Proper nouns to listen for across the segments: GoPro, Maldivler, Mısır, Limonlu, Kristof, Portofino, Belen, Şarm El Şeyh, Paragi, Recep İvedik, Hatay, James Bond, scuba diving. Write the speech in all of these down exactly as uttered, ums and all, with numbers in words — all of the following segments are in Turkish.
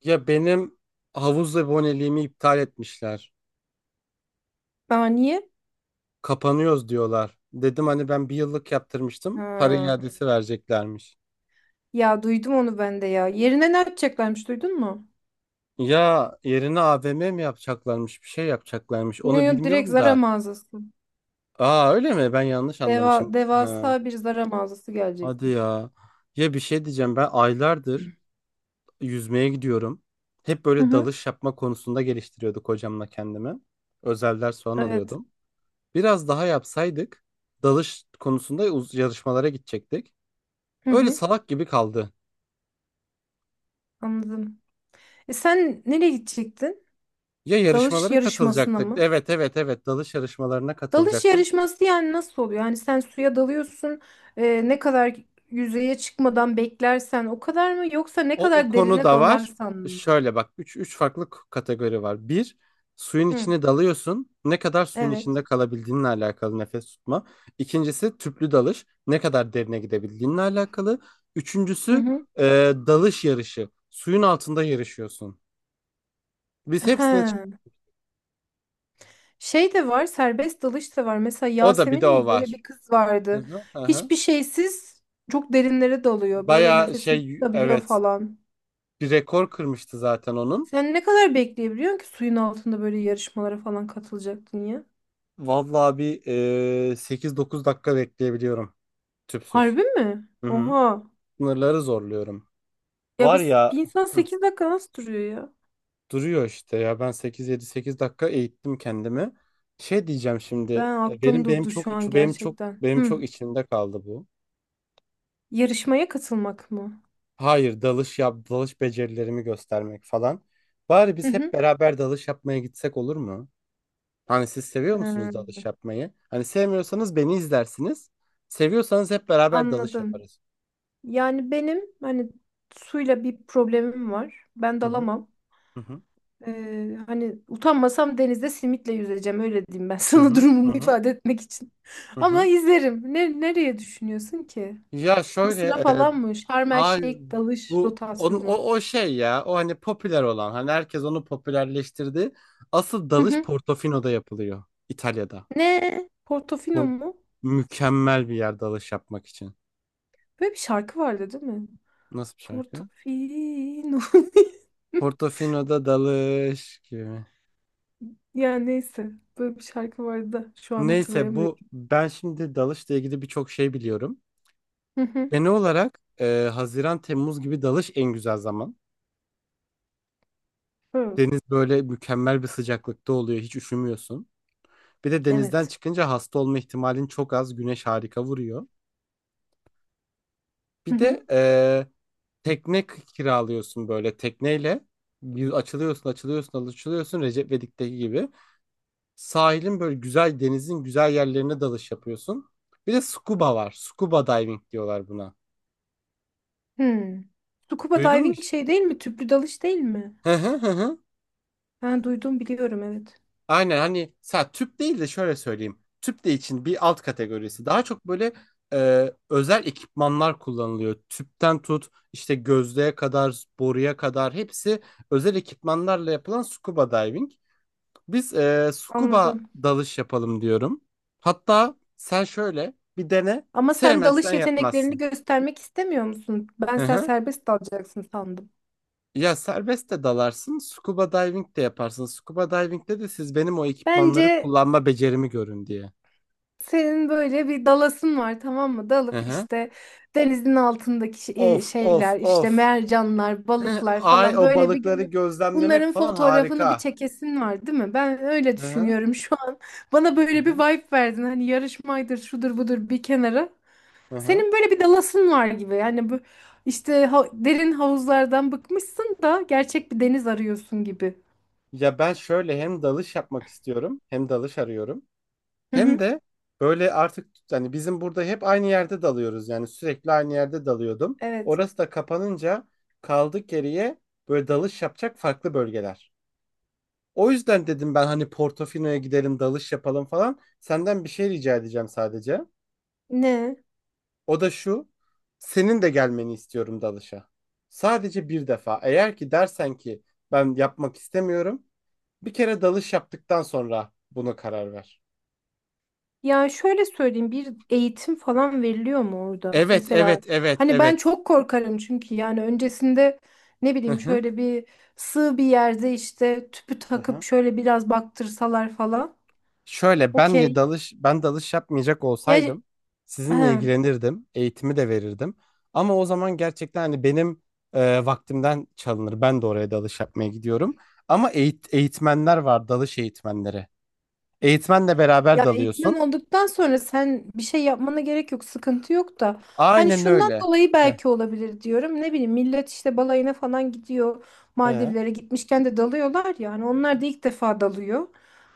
Ya benim havuz aboneliğimi iptal etmişler. Aa, niye? Kapanıyoruz diyorlar. Dedim hani ben bir yıllık yaptırmıştım. Para Ha. iadesi vereceklermiş. Ya duydum onu ben de ya. Yerine ne atacaklarmış, duydun mu? Ya yerine A V M mi yapacaklarmış? Bir şey yapacaklarmış. Yo Onu yo direkt bilmiyorum Zara da. mağazası. Aa öyle mi? Ben yanlış Deva, anlamışım. Ha, Devasa bir Zara mağazası hadi gelecekmiş. ya. Ya bir şey diyeceğim. Ben aylardır yüzmeye gidiyorum. Hep Hı böyle hı. dalış yapma konusunda geliştiriyorduk hocamla kendimi. Özel ders falan Evet. alıyordum. Biraz daha yapsaydık dalış konusunda uz- yarışmalara gidecektik. Hı Öyle hı. salak gibi kaldı. Anladım. E sen nereye gidecektin? Ya Dalış yarışmalara yarışmasına katılacaktık. mı? Evet evet evet, dalış yarışmalarına Dalış katılacaktım. yarışması yani nasıl oluyor? Yani sen suya dalıyorsun. E, ne kadar yüzeye çıkmadan beklersen o kadar mı? Yoksa ne O, o kadar konu derine da var. dalarsan mı? Şöyle bak, üç üç farklı k- kategori var. Bir, suyun Hı. içine dalıyorsun. Ne kadar suyun Evet. içinde kalabildiğinle alakalı, nefes tutma. İkincisi tüplü dalış. Ne kadar derine gidebildiğinle alakalı. Hı Üçüncüsü hı. e, dalış yarışı. Suyun altında yarışıyorsun. Biz hepsine çık- He. Şey de var, serbest dalış da var. Mesela o da, bir de Yasemin o miydi? Öyle var. bir kız Hı vardı. hı, hı hı. Hiçbir şeysiz çok derinlere dalıyor. Böyle Bayağı nefesini şey, tutabiliyor evet, falan. bir rekor kırmıştı zaten onun. Sen ne kadar bekleyebiliyorsun ki suyun altında böyle yarışmalara falan katılacaktın ya? Vallahi bir e, sekiz dokuz dakika bekleyebiliyorum tüpsüz. Harbi mi? Hı hı. Oha. Sınırları zorluyorum. Ya Var biz, bir ya. insan Hı, sekiz dakika nasıl duruyor ya? duruyor işte ya, ben sekiz yedi sekiz dakika eğittim kendimi. Şey diyeceğim şimdi, Ben e, aklım benim benim durdu çok şu an benim çok gerçekten. benim Hı. çok içimde kaldı bu. Yarışmaya katılmak mı? Hayır, dalış yap, dalış becerilerimi göstermek falan. Bari Hı biz hep hı. beraber dalış yapmaya gitsek olur mu? Hani siz seviyor musunuz Ee, dalış yapmayı? Hani sevmiyorsanız beni izlersiniz. Seviyorsanız hep beraber dalış Anladım. yaparız. Yani benim hani suyla bir problemim var. Ben Hı hı dalamam. hı hı Ee, hani utanmasam denizde simitle yüzeceğim öyle diyeyim ben hı sana hı hı durumumu hı. ifade etmek için. Hı Ama hı. izlerim. Ne, nereye düşünüyorsun ki? Ya şöyle Mısır'a e, falan mı? Şarm El hayır, Şeyh dalış bu onun, o, rotasyonu. o şey ya, o hani popüler olan, hani herkes onu popülerleştirdi. Asıl Hı dalış hı. Portofino'da yapılıyor, İtalya'da. Ne? Portofino Por- mu? mükemmel bir yer dalış yapmak için. Böyle bir şarkı vardı değil mi? Nasıl bir şarkı? Portofino. Portofino'da dalış gibi. Ya neyse. Böyle bir şarkı vardı da şu an Neyse, bu hatırlayamıyorum. ben şimdi dalışla ilgili birçok şey biliyorum. Hı hı. Genel olarak e, Haziran Temmuz gibi dalış en güzel zaman. Hı. Deniz böyle mükemmel bir sıcaklıkta oluyor. Hiç üşümüyorsun. Bir de denizden Evet. çıkınca hasta olma ihtimalin çok az. Güneş harika vuruyor. Hı Bir hı. de e, tekne k- kiralıyorsun, böyle tekneyle. Bir açılıyorsun, açılıyorsun, açılıyorsun Recep İvedik'teki gibi. Sahilin böyle güzel, denizin güzel yerlerine dalış yapıyorsun. Bir de scuba var. Scuba diving diyorlar buna. Hı. Scuba Duydun mu diving işte? şey değil mi? Tüplü dalış değil mi? Ben duydum, biliyorum, evet. Aynen, hani sa tüp değil de şöyle söyleyeyim. Tüp de için bir alt kategorisi. Daha çok böyle e, özel ekipmanlar kullanılıyor. Tüpten tut, işte gözlüğe kadar, boruya kadar hepsi özel ekipmanlarla yapılan scuba diving. Biz e, scuba Anladım. dalış yapalım diyorum. Hatta sen şöyle bir dene. Ama sen Sevmezsen dalış yeteneklerini yapmazsın. göstermek istemiyor musun? Ben Hı sen hı. serbest dalacaksın sandım. Ya serbest de dalarsın, scuba diving de yaparsın. Scuba diving'de de siz benim o ekipmanları Bence kullanma becerimi görün diye. senin böyle bir dalasın var, tamam mı? Hı Dalıp hı. işte denizin altındaki şe- Of of şeyler, işte of. mercanlar, Heh, balıklar ay falan o böyle bir balıkları görüp gözlemlemek bunların falan fotoğrafını bir harika. çekesin var değil mi? Ben öyle Hı hı, düşünüyorum şu an. Bana hı böyle bir hı, vibe verdin, hani yarışmaydır şudur budur bir kenara. hı hı. Senin böyle bir dalasın var gibi yani bu işte ha- derin havuzlardan bıkmışsın da gerçek bir deniz arıyorsun gibi. Ya ben şöyle hem dalış yapmak istiyorum, hem dalış arıyorum. Hı Hem hı. de böyle artık, hani bizim burada hep aynı yerde dalıyoruz, yani sürekli aynı yerde dalıyordum. Evet. Orası da kapanınca kaldık geriye, böyle dalış yapacak farklı bölgeler. O yüzden dedim ben hani Portofino'ya gidelim dalış yapalım falan. Senden bir şey rica edeceğim sadece. Ne? O da şu. Senin de gelmeni istiyorum dalışa. Sadece bir defa. Eğer ki dersen ki ben yapmak istemiyorum, bir kere dalış yaptıktan sonra buna karar ver. Ya şöyle söyleyeyim, bir eğitim falan veriliyor mu orada? Evet, Mesela evet, evet, hani ben evet. çok korkarım, çünkü yani öncesinde ne Hı bileyim hı. şöyle bir sığ bir yerde işte tüpü Hı takıp hı. şöyle biraz baktırsalar falan. Şöyle benle Okey. dalış, ben dalış yapmayacak Ya he. olsaydım sizinle ilgilenirdim, eğitimi de verirdim. Ama o zaman gerçekten hani benim e, vaktimden çalınır. Ben de oraya dalış yapmaya gidiyorum. Ama eğit- eğitmenler var, dalış eğitmenleri. Eğitmenle beraber Ya eğitmen dalıyorsun. olduktan sonra sen bir şey yapmana gerek yok, sıkıntı yok da. Hani Aynen şundan öyle. dolayı Heh, belki olabilir diyorum. Ne bileyim millet işte balayına falan gidiyor. ee? Maldivlere gitmişken de dalıyorlar ya. Hani onlar da ilk defa dalıyor.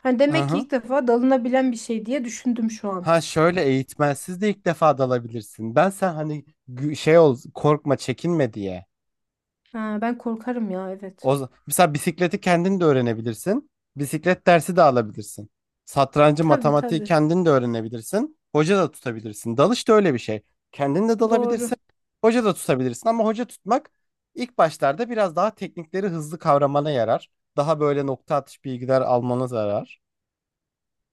Hani Hı demek ki hı. ilk defa dalınabilen bir şey diye düşündüm şu an. Ha şöyle, eğitmensiz de ilk defa dalabilirsin. Ben sen hani gü- şey ol, korkma çekinme diye. Ha, ben korkarım ya, evet. O, z- mesela bisikleti kendin de öğrenebilirsin. Bisiklet dersi de alabilirsin. Satrancı, Tabii matematiği tabii. kendin de öğrenebilirsin. Hoca da tutabilirsin. Dalış da öyle bir şey. Kendin de Doğru. dalabilirsin. Hoca da tutabilirsin, ama hoca tutmak ilk başlarda biraz daha teknikleri hızlı kavramana yarar. Daha böyle nokta atış bilgiler almana yarar.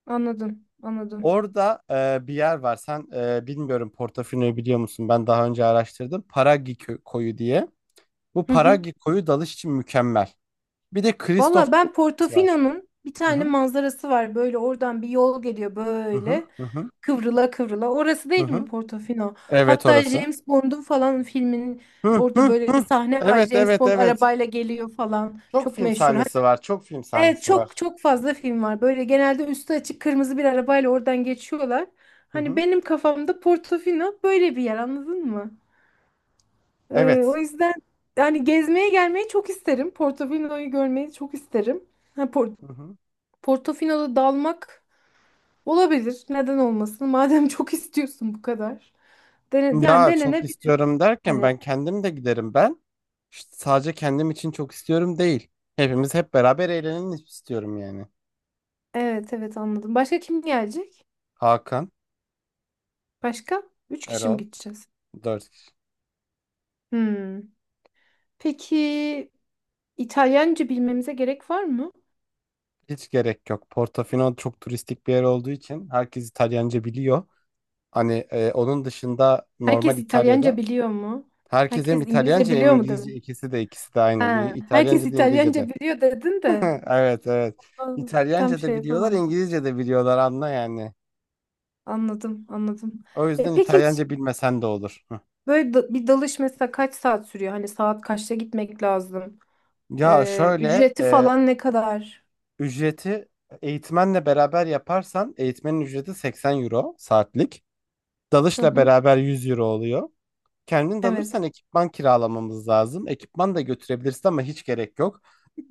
Anladım. Anladım. Orada e, bir yer var. Sen, e, bilmiyorum, Portofino'yu biliyor musun? Ben daha önce araştırdım. Paragi kö- koyu diye. Bu Paragi koyu dalış için mükemmel. Bir de Kristof Valla ben var. Portofino'nun bir Hı tane hı manzarası var. Böyle oradan bir yol geliyor hı hı böyle. hı hı. Kıvrıla kıvrıla. Orası Hı değil mi hı. Portofino? Evet, Hatta orası. James Bond'un falan filminin Hı orada hı böyle bir hı. sahne var. Evet James evet Bond evet. arabayla geliyor falan. Çok Çok film meşhur. Hani, sahnesi var. Çok film evet sahnesi çok var. çok fazla film var. Böyle genelde üstü açık kırmızı bir arabayla oradan geçiyorlar. Hı Hani hı. benim kafamda Portofino böyle bir yer, anladın mı? Ee, Evet. O yüzden yani gezmeye gelmeyi çok isterim. Portofino'yu görmeyi çok isterim. Ha, Por- Hı hı. Portofino'da dalmak olabilir. Neden olmasın? Madem çok istiyorsun bu kadar. Dene, yani Ya çok denenebilir istiyorum derken hani. ben kendim de giderim ben. İşte sadece kendim için çok istiyorum değil. Hepimiz hep beraber eğlenelim istiyorum yani. Evet evet anladım. Başka kim gelecek? Hakan, Başka? Üç kişi mi Erol, gideceğiz? dört kişi. Hmm. Peki, İtalyanca bilmemize gerek var mı? Hiç gerek yok. Portofino çok turistik bir yer olduğu için herkes İtalyanca biliyor. Hani e, onun dışında normal Herkes İtalyanca İtalya'da biliyor mu? herkes hem Herkes İngilizce İtalyanca hem biliyor mu, İngilizce, dedim. ikisi de ikisi de aynı. İ- Ha, herkes İtalyanca da İngilizce İtalyanca de. biliyor dedin de. Evet evet. Aa, tam İtalyanca şey da biliyorlar, yapamadım. İngilizce de biliyorlar, anla yani. Anladım, anladım. O yüzden E, peki İtalyanca bilmesen de olur. Hı. böyle da- bir dalış mesela kaç saat sürüyor? Hani saat kaçta gitmek lazım? Ya Ee, şöyle Ücreti e, falan ne kadar? ücreti, eğitmenle beraber yaparsan eğitmenin ücreti seksen euro saatlik. Hı Dalışla hı. beraber yüz euro oluyor. Kendin Evet. dalırsan ekipman kiralamamız lazım. Ekipman da götürebilirsin ama hiç gerek yok.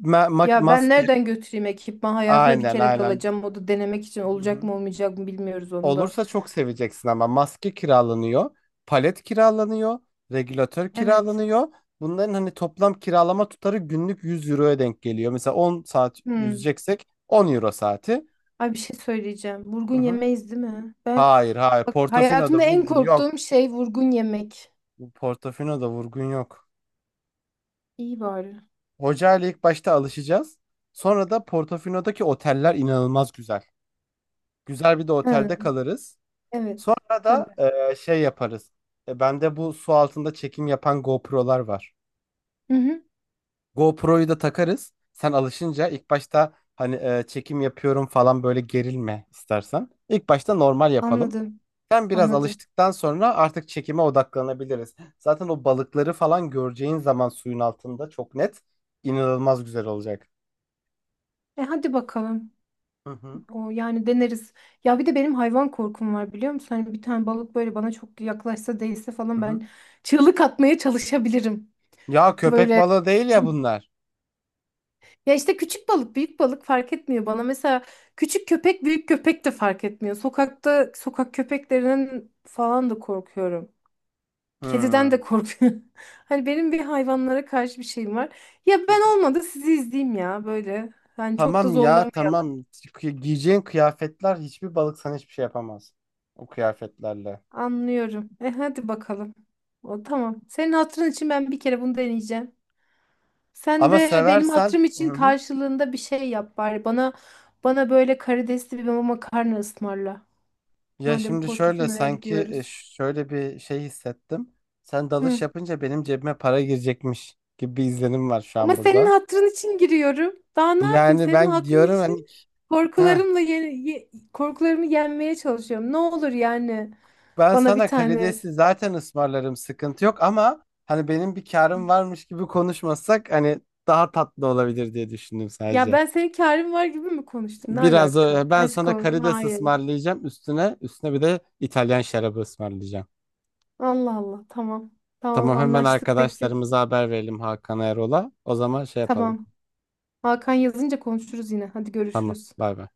Ma- ma- Ya ben maske nereden götüreyim ekipman? Hayatımda bir aynen kere aynen. dalacağım. O da denemek için, Hı olacak hı. mı olmayacak mı bilmiyoruz onu da. Olursa çok seveceksin, ama maske kiralanıyor. Palet kiralanıyor. Regülatör Evet. kiralanıyor. Bunların hani toplam kiralama tutarı günlük yüz euroya denk geliyor. Mesela on saat Hmm. yüzeceksek on euro saati. Ay bir şey söyleyeceğim. Vurgun Hı hı. yemeyiz değil mi? Ben Hayır hayır, bak Portofino'da hayatımda en vurgun yok. korktuğum şey vurgun yemek. Portofino'da vurgun yok. İyi bari. Hoca ile ilk başta alışacağız. Sonra da Portofino'daki oteller inanılmaz güzel. Güzel bir de Ha, otelde kalırız. evet. Sonra Tabii. da e, şey yaparız. E, bende bu su altında çekim yapan GoPro'lar var. Hı hı. GoPro'yu da takarız. Sen alışınca ilk başta hani e, çekim yapıyorum falan böyle gerilme istersen. İlk başta normal yapalım. Anladım. Sen biraz Anladım. alıştıktan sonra artık çekime odaklanabiliriz. Zaten o balıkları falan göreceğin zaman suyun altında çok net, inanılmaz güzel olacak. E hadi bakalım. Hı hı. O yani deneriz. Ya bir de benim hayvan korkum var biliyor musun? Hani bir tane balık böyle bana çok yaklaşsa değse Hı falan hı. ben çığlık atmaya çalışabilirim. Ya köpek Böyle balığı değil ya bunlar. ya işte küçük balık büyük balık fark etmiyor bana. Mesela küçük köpek büyük köpek de fark etmiyor. Sokakta sokak köpeklerinden falan da korkuyorum. Kediden Hmm. Hı de korkuyorum. Hani benim bir hayvanlara karşı bir şeyim var. Ya ben hı. olmadı sizi izleyeyim ya böyle. Yani çok da Tamam ya, zorlamayayım. tamam. Kı- Giyeceğin kıyafetler, hiçbir balık sana hiçbir şey yapamaz. O kıyafetlerle. Anlıyorum. E hadi bakalım. O tamam. Senin hatırın için ben bir kere bunu deneyeceğim. Sen Ama de benim seversen. hatırım Hı için hı. karşılığında bir şey yap bari. Bana bana böyle karidesli bir makarna ısmarla. Ya Madem şimdi şöyle, Portofino'ya sanki e, gidiyoruz. şöyle bir şey hissettim. Sen dalış Hı. yapınca benim cebime para girecekmiş gibi bir izlenim var şu Ama an senin burada. hatırın için giriyorum. Daha ne yapayım? Yani Senin ben hatırın diyorum hani, için korkularımla ye- ye- korkularımı yenmeye çalışıyorum. Ne olur yani ben bana bir sana tane. karidesi zaten ısmarlarım, sıkıntı yok, ama hani benim bir karım varmış gibi konuşmasak, hani daha tatlı olabilir diye düşündüm Ya sadece. ben senin kârin var gibi mi konuştum? Ne Biraz alaka? o- ben Aşk sana olsun. karides Hayır. ısmarlayacağım, üstüne üstüne bir de İtalyan şarabı ısmarlayacağım. Allah Allah tamam. Tamam Tamam, hemen anlaştık peki. arkadaşlarımıza haber verelim, Hakan Erol'a. O zaman şey yapalım. Tamam. Hakan yazınca konuşuruz yine. Hadi Tamam, görüşürüz. bay bay.